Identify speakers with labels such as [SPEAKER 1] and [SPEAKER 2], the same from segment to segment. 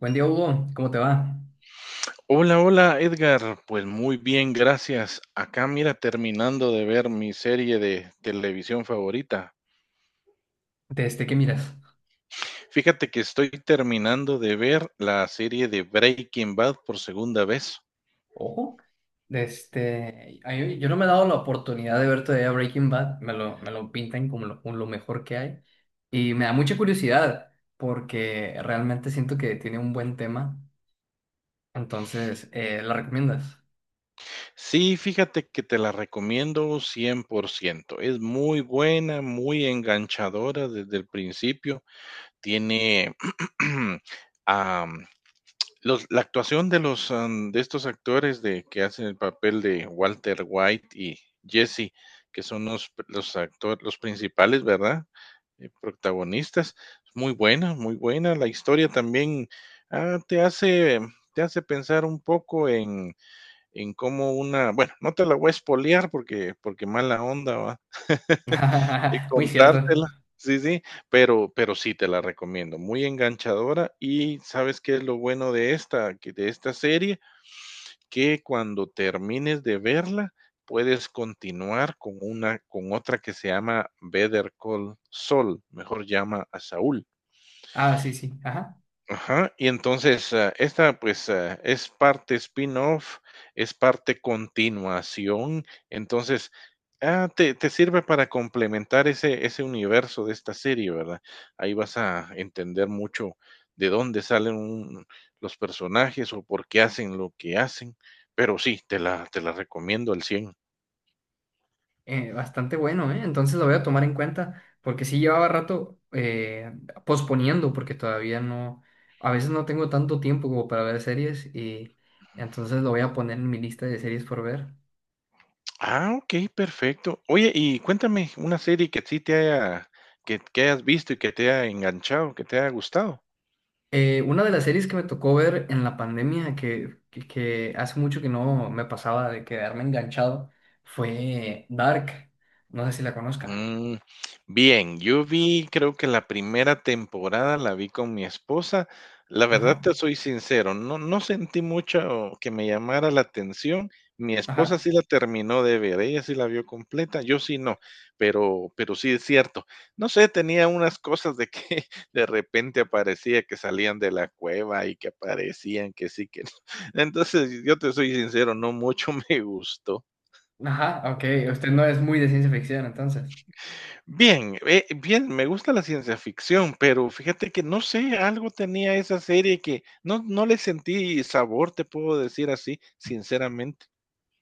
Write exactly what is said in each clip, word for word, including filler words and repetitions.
[SPEAKER 1] Buen día, Hugo. ¿Cómo te va?
[SPEAKER 2] Hola, hola Edgar. Pues muy bien, gracias. Acá mira, terminando de ver mi serie de televisión favorita.
[SPEAKER 1] ¿Desde qué miras?
[SPEAKER 2] Fíjate que estoy terminando de ver la serie de Breaking Bad por segunda vez.
[SPEAKER 1] Ojo. Desde... ay, Yo no me he dado la oportunidad de ver todavía Breaking Bad. Me lo, me lo pintan como lo, como lo mejor que hay. Y me da mucha curiosidad porque realmente siento que tiene un buen tema. Entonces, eh, ¿la recomiendas?
[SPEAKER 2] Sí, fíjate que te la recomiendo cien por ciento. Es muy buena, muy enganchadora desde el principio. Tiene... am, Los la actuación de los, am, de estos actores de que hacen el papel de Walter White y Jesse, que son los los actores los principales, ¿verdad? Eh, protagonistas. Muy buena, muy buena. La historia también, ah, te hace em, te hace pensar un poco en en cómo una bueno, no te la voy a espolear porque porque mala onda, ¿va? Y
[SPEAKER 1] Muy cierto.
[SPEAKER 2] contártela. Sí, sí, pero pero sí te la recomiendo, muy enganchadora. Y, ¿sabes qué es lo bueno de esta que de esta serie? Que cuando termines de verla, puedes continuar con una con otra que se llama Better Call Saul, mejor llama a Saúl.
[SPEAKER 1] Ah, sí, sí. Ajá.
[SPEAKER 2] Ajá, y entonces, ah, esta, pues, ah, es parte spin-off, es parte continuación, entonces, ah, te, te sirve para complementar ese, ese universo de esta serie, ¿verdad? Ahí vas a entender mucho de dónde salen un- los personajes o por qué hacen lo que hacen, pero sí, te la, te la recomiendo al cien.
[SPEAKER 1] Eh, bastante bueno, ¿eh? Entonces lo voy a tomar en cuenta, porque sí llevaba rato eh, posponiendo, porque todavía no, a veces no tengo tanto tiempo como para ver series, y entonces lo voy a poner en mi lista de series por ver.
[SPEAKER 2] Ah, ok, perfecto. Oye, y cuéntame una serie que sí te haya, que, que hayas visto y que te haya enganchado, que te haya gustado.
[SPEAKER 1] Eh, una de las series que me tocó ver en la pandemia, que, que, que hace mucho que no me pasaba de quedarme enganchado, fue Dark. No sé si la conozca.
[SPEAKER 2] Mm, bien, yo vi, creo que la primera temporada la vi con mi esposa. La verdad
[SPEAKER 1] Ajá,
[SPEAKER 2] te soy sincero, no, no sentí mucho que me llamara la atención. Mi esposa
[SPEAKER 1] ajá,
[SPEAKER 2] sí la terminó de ver, ella sí la vio completa, yo sí no, pero, pero sí es cierto. No sé, tenía unas cosas de que de repente aparecía que salían de la cueva y que aparecían que sí, que no. Entonces, yo te soy sincero, no mucho me gustó.
[SPEAKER 1] ajá, ok. Usted no es muy de ciencia ficción, entonces.
[SPEAKER 2] Bien, eh, bien, me gusta la ciencia ficción, pero fíjate que no sé, algo tenía esa serie que no, no le sentí sabor, te puedo decir así, sinceramente.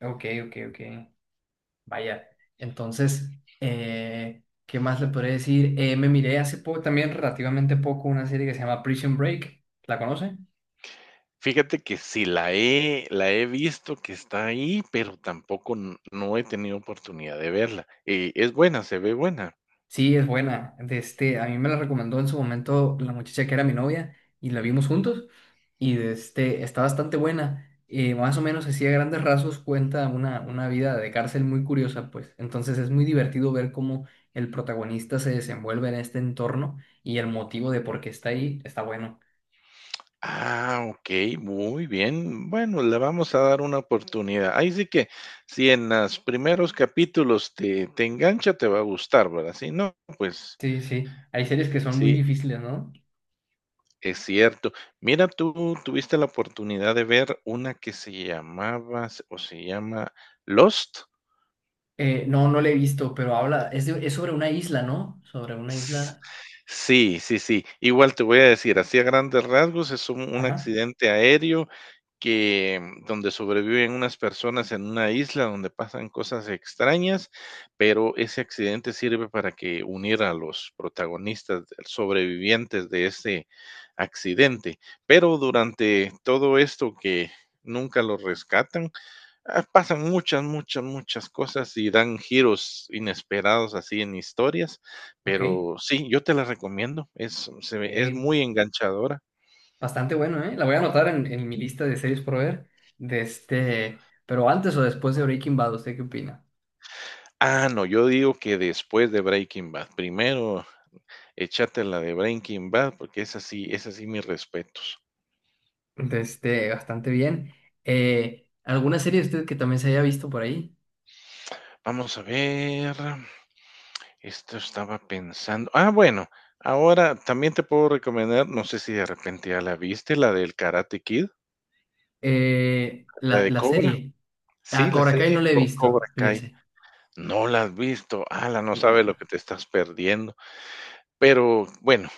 [SPEAKER 1] Ok, ok, ok. Vaya, entonces, eh, ¿qué más le podría decir? Eh, me miré hace poco, también relativamente poco, una serie que se llama Prison Break. ¿La conoce?
[SPEAKER 2] Fíjate que sí la he, la he visto que está ahí, pero tampoco n- no he tenido oportunidad de verla. Eh, es buena, se ve buena.
[SPEAKER 1] Sí, es buena. De este, a mí me la recomendó en su momento la muchacha que era mi novia y la vimos
[SPEAKER 2] No,
[SPEAKER 1] juntos. Y de este, está bastante buena. Eh, más o menos así a grandes rasgos cuenta una, una vida de cárcel muy curiosa, pues. Entonces es muy divertido ver cómo el protagonista se desenvuelve en este entorno y el motivo de
[SPEAKER 2] no.
[SPEAKER 1] por qué está ahí está bueno.
[SPEAKER 2] Ah, ok, muy bien. Bueno, le vamos a dar una oportunidad. Ahí sí que si en los primeros capítulos te, te engancha, te va a gustar, ¿verdad? Si no, pues
[SPEAKER 1] Sí, sí. Hay series que son muy
[SPEAKER 2] sí,
[SPEAKER 1] difíciles, ¿no?
[SPEAKER 2] es cierto. Mira, tú tuviste la oportunidad de ver una que se llamaba, s- o se llama Lost.
[SPEAKER 1] Eh, no, no la he visto, pero habla, es, de- es sobre una isla, ¿no? Sobre una
[SPEAKER 2] S
[SPEAKER 1] isla.
[SPEAKER 2] sí, sí, sí. Igual te voy a decir, así a grandes rasgos, es un un
[SPEAKER 1] Ajá,
[SPEAKER 2] accidente aéreo que, mm, donde sobreviven unas personas en una isla donde pasan cosas extrañas, pero ese accidente sirve para que unir a los protagonistas de- sobrevivientes de ese accidente. Pero durante todo esto que nunca los rescatan, ah, pasan muchas, muchas, muchas cosas y dan giros inesperados así en historias,
[SPEAKER 1] ok.
[SPEAKER 2] pero sí, yo te la recomiendo, es se ve es
[SPEAKER 1] Eh,
[SPEAKER 2] muy enganchadora.
[SPEAKER 1] Bastante bueno, ¿eh? La voy a anotar en, en mi lista de series por ver. De este, pero antes o después de Breaking Bad, ¿usted qué opina?
[SPEAKER 2] Ah, no, yo digo que después de Breaking Bad, primero échate la de Breaking Bad, porque es así, es así mis respetos.
[SPEAKER 1] De este, bastante bien. Eh, ¿alguna serie de usted que también se haya visto por ahí?
[SPEAKER 2] Vamos a ver, esto estaba pensando ah, bueno, ahora también te puedo recomendar, no sé si de repente ya la viste, la del Karate Kid,
[SPEAKER 1] Eh,
[SPEAKER 2] la
[SPEAKER 1] la,
[SPEAKER 2] de
[SPEAKER 1] la
[SPEAKER 2] Cobra,
[SPEAKER 1] serie. A
[SPEAKER 2] sí, la
[SPEAKER 1] Cobra Kai no
[SPEAKER 2] serie
[SPEAKER 1] la he
[SPEAKER 2] Co Cobra
[SPEAKER 1] visto,
[SPEAKER 2] Kai.
[SPEAKER 1] fíjese.
[SPEAKER 2] No la has visto. Ala, no
[SPEAKER 1] No.
[SPEAKER 2] sabes lo que te estás perdiendo. Pero bueno,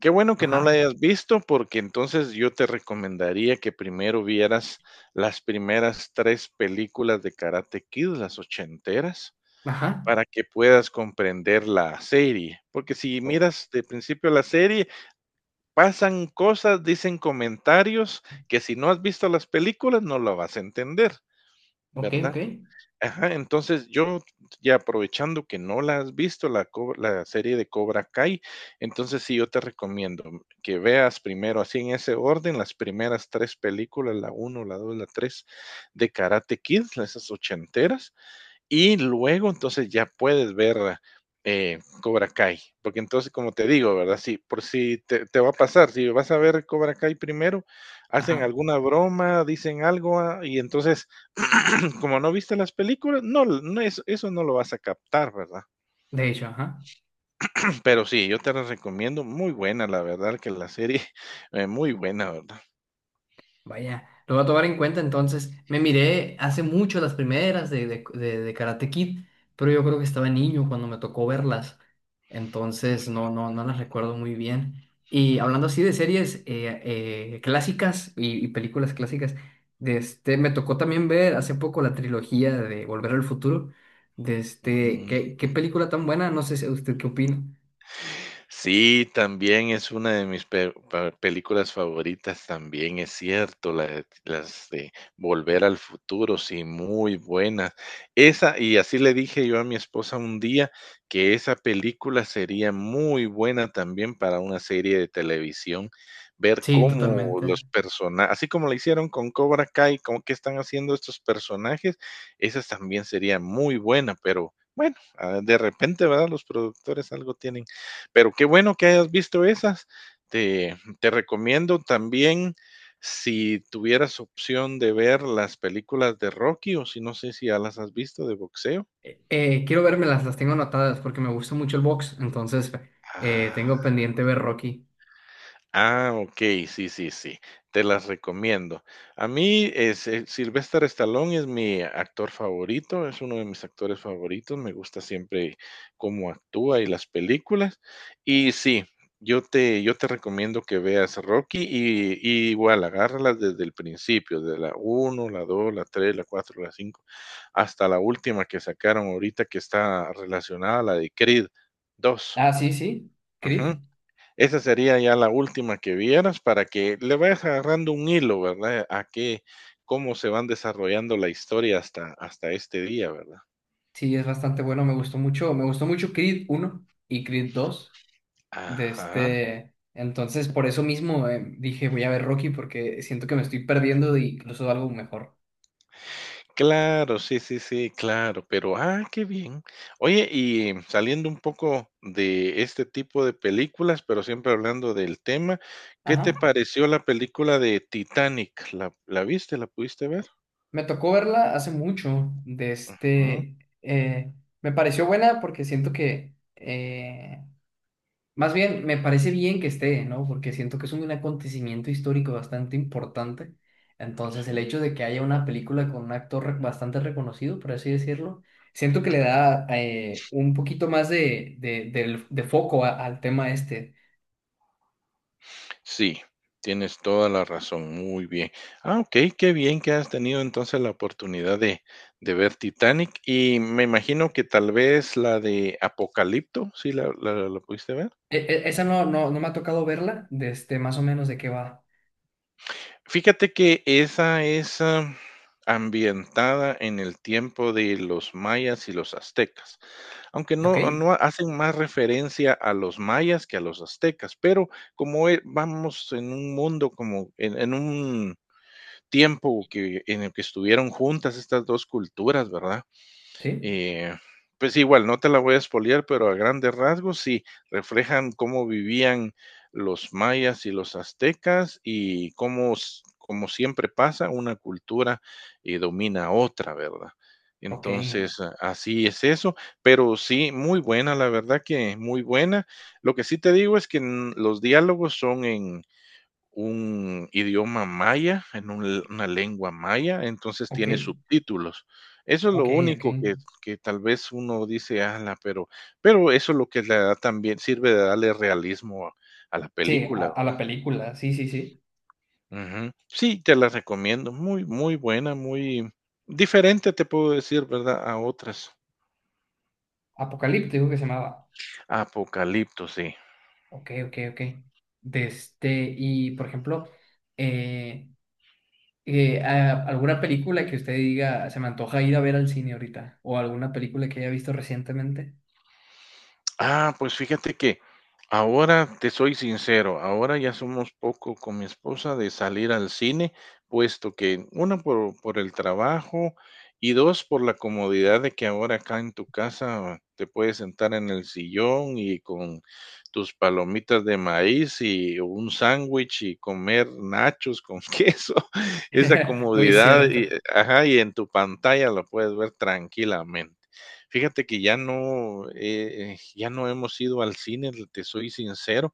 [SPEAKER 2] qué bueno que no la
[SPEAKER 1] Ajá,
[SPEAKER 2] hayas visto, porque entonces yo te recomendaría que primero vieras las primeras tres películas de Karate Kid, las ochenteras,
[SPEAKER 1] ajá.
[SPEAKER 2] para que puedas comprender la serie. Porque si
[SPEAKER 1] O-
[SPEAKER 2] miras de principio la serie, pasan cosas, dicen comentarios que si no has visto las películas no lo vas a entender,
[SPEAKER 1] ok,
[SPEAKER 2] ¿verdad?
[SPEAKER 1] ok.
[SPEAKER 2] Ajá, entonces yo ya aprovechando que no la has visto, la co la serie de Cobra Kai, entonces sí, yo te recomiendo que veas primero, así en ese orden, las primeras tres películas, la uno la dos la tres de Karate Kid, esas ochenteras, y luego entonces ya puedes ver eh, Cobra Kai, porque entonces como te digo, ¿verdad? Si por si te, te va a pasar, si vas a ver Cobra Kai primero, hacen
[SPEAKER 1] Ajá.
[SPEAKER 2] alguna broma, dicen algo ah, y entonces como no viste las películas, no, no es, eso no lo vas a captar, ¿verdad?
[SPEAKER 1] De hecho, ajá.
[SPEAKER 2] Pero sí, yo te las recomiendo, muy buena, la verdad que la serie, eh, muy buena, ¿verdad?
[SPEAKER 1] Vaya, lo voy a tomar en cuenta entonces. Me miré hace mucho las primeras de, de, de- de Karate Kid, pero yo creo que estaba niño cuando me tocó verlas. Entonces no, no, no las recuerdo muy bien. Y hablando así de series eh, eh, clásicas y, y películas clásicas, de este, me tocó también ver hace poco la trilogía de Volver al Futuro. De este,
[SPEAKER 2] Mm.
[SPEAKER 1] ¿qué, qué película tan buena? No sé si usted qué opina.
[SPEAKER 2] Sí, también es una de mis pe- pa- películas favoritas, también es cierto, la de- las de Volver al Futuro, sí, muy buena. Esa, y así le dije yo a mi esposa un día que esa película sería muy buena también para una serie de televisión, ver
[SPEAKER 1] Sí,
[SPEAKER 2] cómo
[SPEAKER 1] totalmente.
[SPEAKER 2] los personajes, así como lo hicieron con Cobra Kai, cómo qué están haciendo estos personajes, esa también sería muy buena, pero bueno, ah, de repente, ¿verdad? Los productores algo tienen pero qué bueno que hayas visto esas. Te, te recomiendo también, si tuvieras opción de ver las películas de Rocky, o si no sé si ya las has visto de boxeo.
[SPEAKER 1] Eh, quiero vermelas, las tengo anotadas porque me gusta mucho el box, entonces eh,
[SPEAKER 2] Ah,
[SPEAKER 1] tengo pendiente ver Rocky.
[SPEAKER 2] ah, okey, sí, sí, sí, te las recomiendo. A mí, es, eh, Sylvester Stallone es mi actor favorito, es uno de mis actores favoritos, me gusta siempre cómo actúa y las películas. Y sí, yo te yo te recomiendo que veas Rocky y y igual, agárralas desde el principio, de la uno, la dos, la tres, la cuatro, la cinco, hasta la última que sacaron ahorita que está relacionada a la de Creed dos.
[SPEAKER 1] Ah, sí, sí, Creed.
[SPEAKER 2] Esa sería ya la última que vieras para que le vayas agarrando un hilo, ¿verdad? A qué, cómo se van desarrollando la historia hasta, hasta este día, ¿verdad?
[SPEAKER 1] Sí, es bastante bueno, me gustó mucho, me gustó mucho Creed uno y Creed dos de
[SPEAKER 2] Ajá.
[SPEAKER 1] este, entonces por eso mismo eh, dije voy a ver Rocky porque siento que me estoy perdiendo de incluso algo mejor.
[SPEAKER 2] Claro, sí, sí, sí, claro, pero ah, qué bien. Oye, y saliendo un poco de este tipo de películas, pero siempre hablando del tema, ¿qué te
[SPEAKER 1] Ajá.
[SPEAKER 2] pareció la película de Titanic? ¿La, la viste? ¿La pudiste ver?
[SPEAKER 1] Me tocó verla hace mucho de
[SPEAKER 2] Ah,
[SPEAKER 1] este, eh, me pareció buena porque siento que eh, más bien, me parece bien que esté, ¿no? Porque siento que es un acontecimiento histórico bastante importante. Entonces, el
[SPEAKER 2] sí,
[SPEAKER 1] hecho de que haya una película con un actor re- bastante reconocido, por así decirlo, siento que le
[SPEAKER 2] claro.
[SPEAKER 1] da eh, un poquito más de, de, del- de foco a- al tema este.
[SPEAKER 2] Sí, tienes toda la razón, muy bien. Ah, okey, qué bien que has tenido entonces la oportunidad de de ver Titanic, y me imagino que tal vez la de Apocalipto, ¿sí la la la pudiste ver?
[SPEAKER 1] E- e- esa no, no, no me ha tocado verla, de este, más o menos de qué va.
[SPEAKER 2] Fíjate que esa es, am, ambientada en el tiempo de los mayas y los aztecas, aunque no
[SPEAKER 1] ¿Ok?
[SPEAKER 2] no hacen más referencia a los mayas que a los aztecas, pero como, eh, vamos en un mundo como en en un tiempo que, en el que estuvieron juntas estas dos culturas, ¿verdad?
[SPEAKER 1] ¿Sí?
[SPEAKER 2] Eh, pues igual, no te la voy a espolear, pero a grandes rasgos sí reflejan cómo vivían los mayas y los aztecas y cómo, como siempre pasa, una cultura eh, domina a otra, ¿verdad?
[SPEAKER 1] Ok,
[SPEAKER 2] Entonces, a- así es eso, pero sí, muy buena, la verdad que muy buena. Lo que sí te digo es que mm, los diálogos son un idioma maya, en un una lengua maya, entonces
[SPEAKER 1] ok,
[SPEAKER 2] tiene subtítulos. Eso es lo
[SPEAKER 1] ok, ok.
[SPEAKER 2] único que que tal vez uno dice: "Ala", pero pero eso es lo que le da también sirve de darle realismo a a la
[SPEAKER 1] Sí, a,
[SPEAKER 2] película,
[SPEAKER 1] a la
[SPEAKER 2] ¿verdad?
[SPEAKER 1] película, sí, sí, sí.
[SPEAKER 2] Ujú. Sí, te la recomiendo, muy, muy buena, muy diferente, te puedo decir, ¿verdad?, a otras.
[SPEAKER 1] Apocalíptico que se llamaba.
[SPEAKER 2] Apocalipto, sí.
[SPEAKER 1] Ok, ok, ok. De este, y por ejemplo, eh, eh, a- ¿alguna película que usted diga, se me antoja ir a ver al cine ahorita? ¿O alguna película que haya visto recientemente?
[SPEAKER 2] Ah, pues fíjate que ahora te soy sincero, ahora ya somos poco con mi esposa de salir al cine, puesto que uno por, por el trabajo y dos por la comodidad de que ahora acá en tu casa te puedes sentar en el sillón y con tus palomitas de maíz y un sándwich y comer nachos con queso, esa
[SPEAKER 1] Muy
[SPEAKER 2] comodidad, y,
[SPEAKER 1] cierto.
[SPEAKER 2] ajá, y en tu pantalla lo puedes ver tranquilamente. Fíjate que ya no, eh, eh, ya no hemos ido al cine, te soy sincero.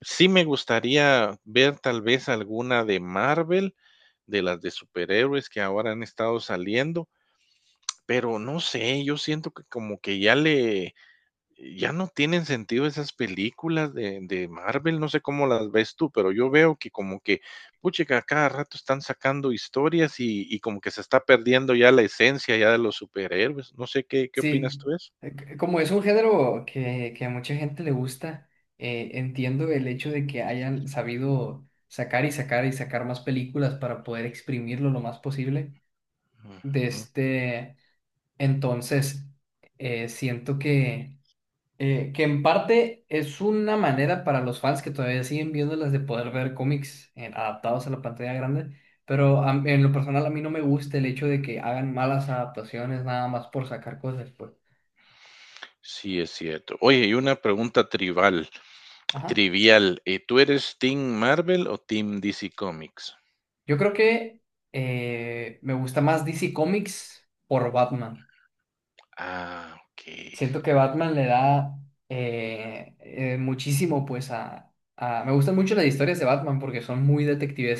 [SPEAKER 2] Sí me gustaría ver tal vez alguna de Marvel, de las de superhéroes que ahora han estado saliendo, pero no sé, yo siento que como que ya le, ya no tienen sentido esas películas de, de Marvel, no sé cómo las ves tú, pero yo veo que como que, puchica, cada rato están sacando historias y, y como que se está perdiendo ya la esencia ya de los superhéroes. No sé qué, qué
[SPEAKER 1] Sí,
[SPEAKER 2] opinas tú de eso.
[SPEAKER 1] eh, c- como es un género que, que a mucha gente le gusta, eh, entiendo el hecho de que hayan sabido sacar y sacar y sacar más películas para poder exprimirlo lo más posible. De
[SPEAKER 2] Ujú.
[SPEAKER 1] este, entonces, eh, siento que eh, que en parte es una manera para los fans que todavía siguen viéndolas de poder ver cómics eh, adaptados a la pantalla grande, pero a- en lo personal a mí no me gusta el hecho de que hagan malas adaptaciones nada más por sacar cosas, pues.
[SPEAKER 2] Sí, es cierto. Oye, y una pregunta trivial,
[SPEAKER 1] Ajá.
[SPEAKER 2] trivial. Eh, ¿tú eres Team Marvel o Team D C Comics?
[SPEAKER 1] Yo creo que eh, me gusta más D C Comics por Batman.
[SPEAKER 2] Ah, ok.
[SPEAKER 1] Siento que Batman le da eh, eh, muchísimo, pues, a, a- me gustan mucho las historias de Batman porque son muy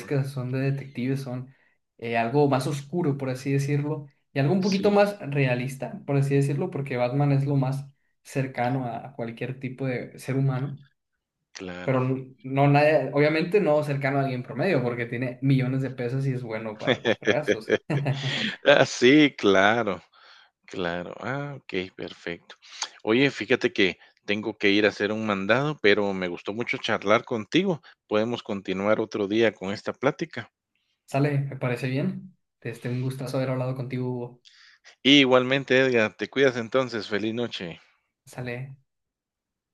[SPEAKER 2] Ujú.
[SPEAKER 1] son de detectives, son eh, algo más oscuro, por así decirlo, y algo un poquito
[SPEAKER 2] Sí,
[SPEAKER 1] más realista, por así decirlo, porque Batman es lo más cercano a cualquier tipo de ser humano, pero
[SPEAKER 2] claro.
[SPEAKER 1] n- no, nadie, obviamente no cercano a alguien promedio porque tiene millones de pesos y es bueno para los fregazos.
[SPEAKER 2] Ah, sí, claro, claro. Ah, ok, perfecto. Oye, fíjate que tengo que ir a hacer un mandado, pero me gustó mucho charlar contigo. Podemos continuar otro día con esta plática.
[SPEAKER 1] Sale, me parece bien. Este, un gustazo haber hablado contigo, Hugo.
[SPEAKER 2] Y igualmente, Edgar, te cuidas entonces. Feliz noche.
[SPEAKER 1] Sale.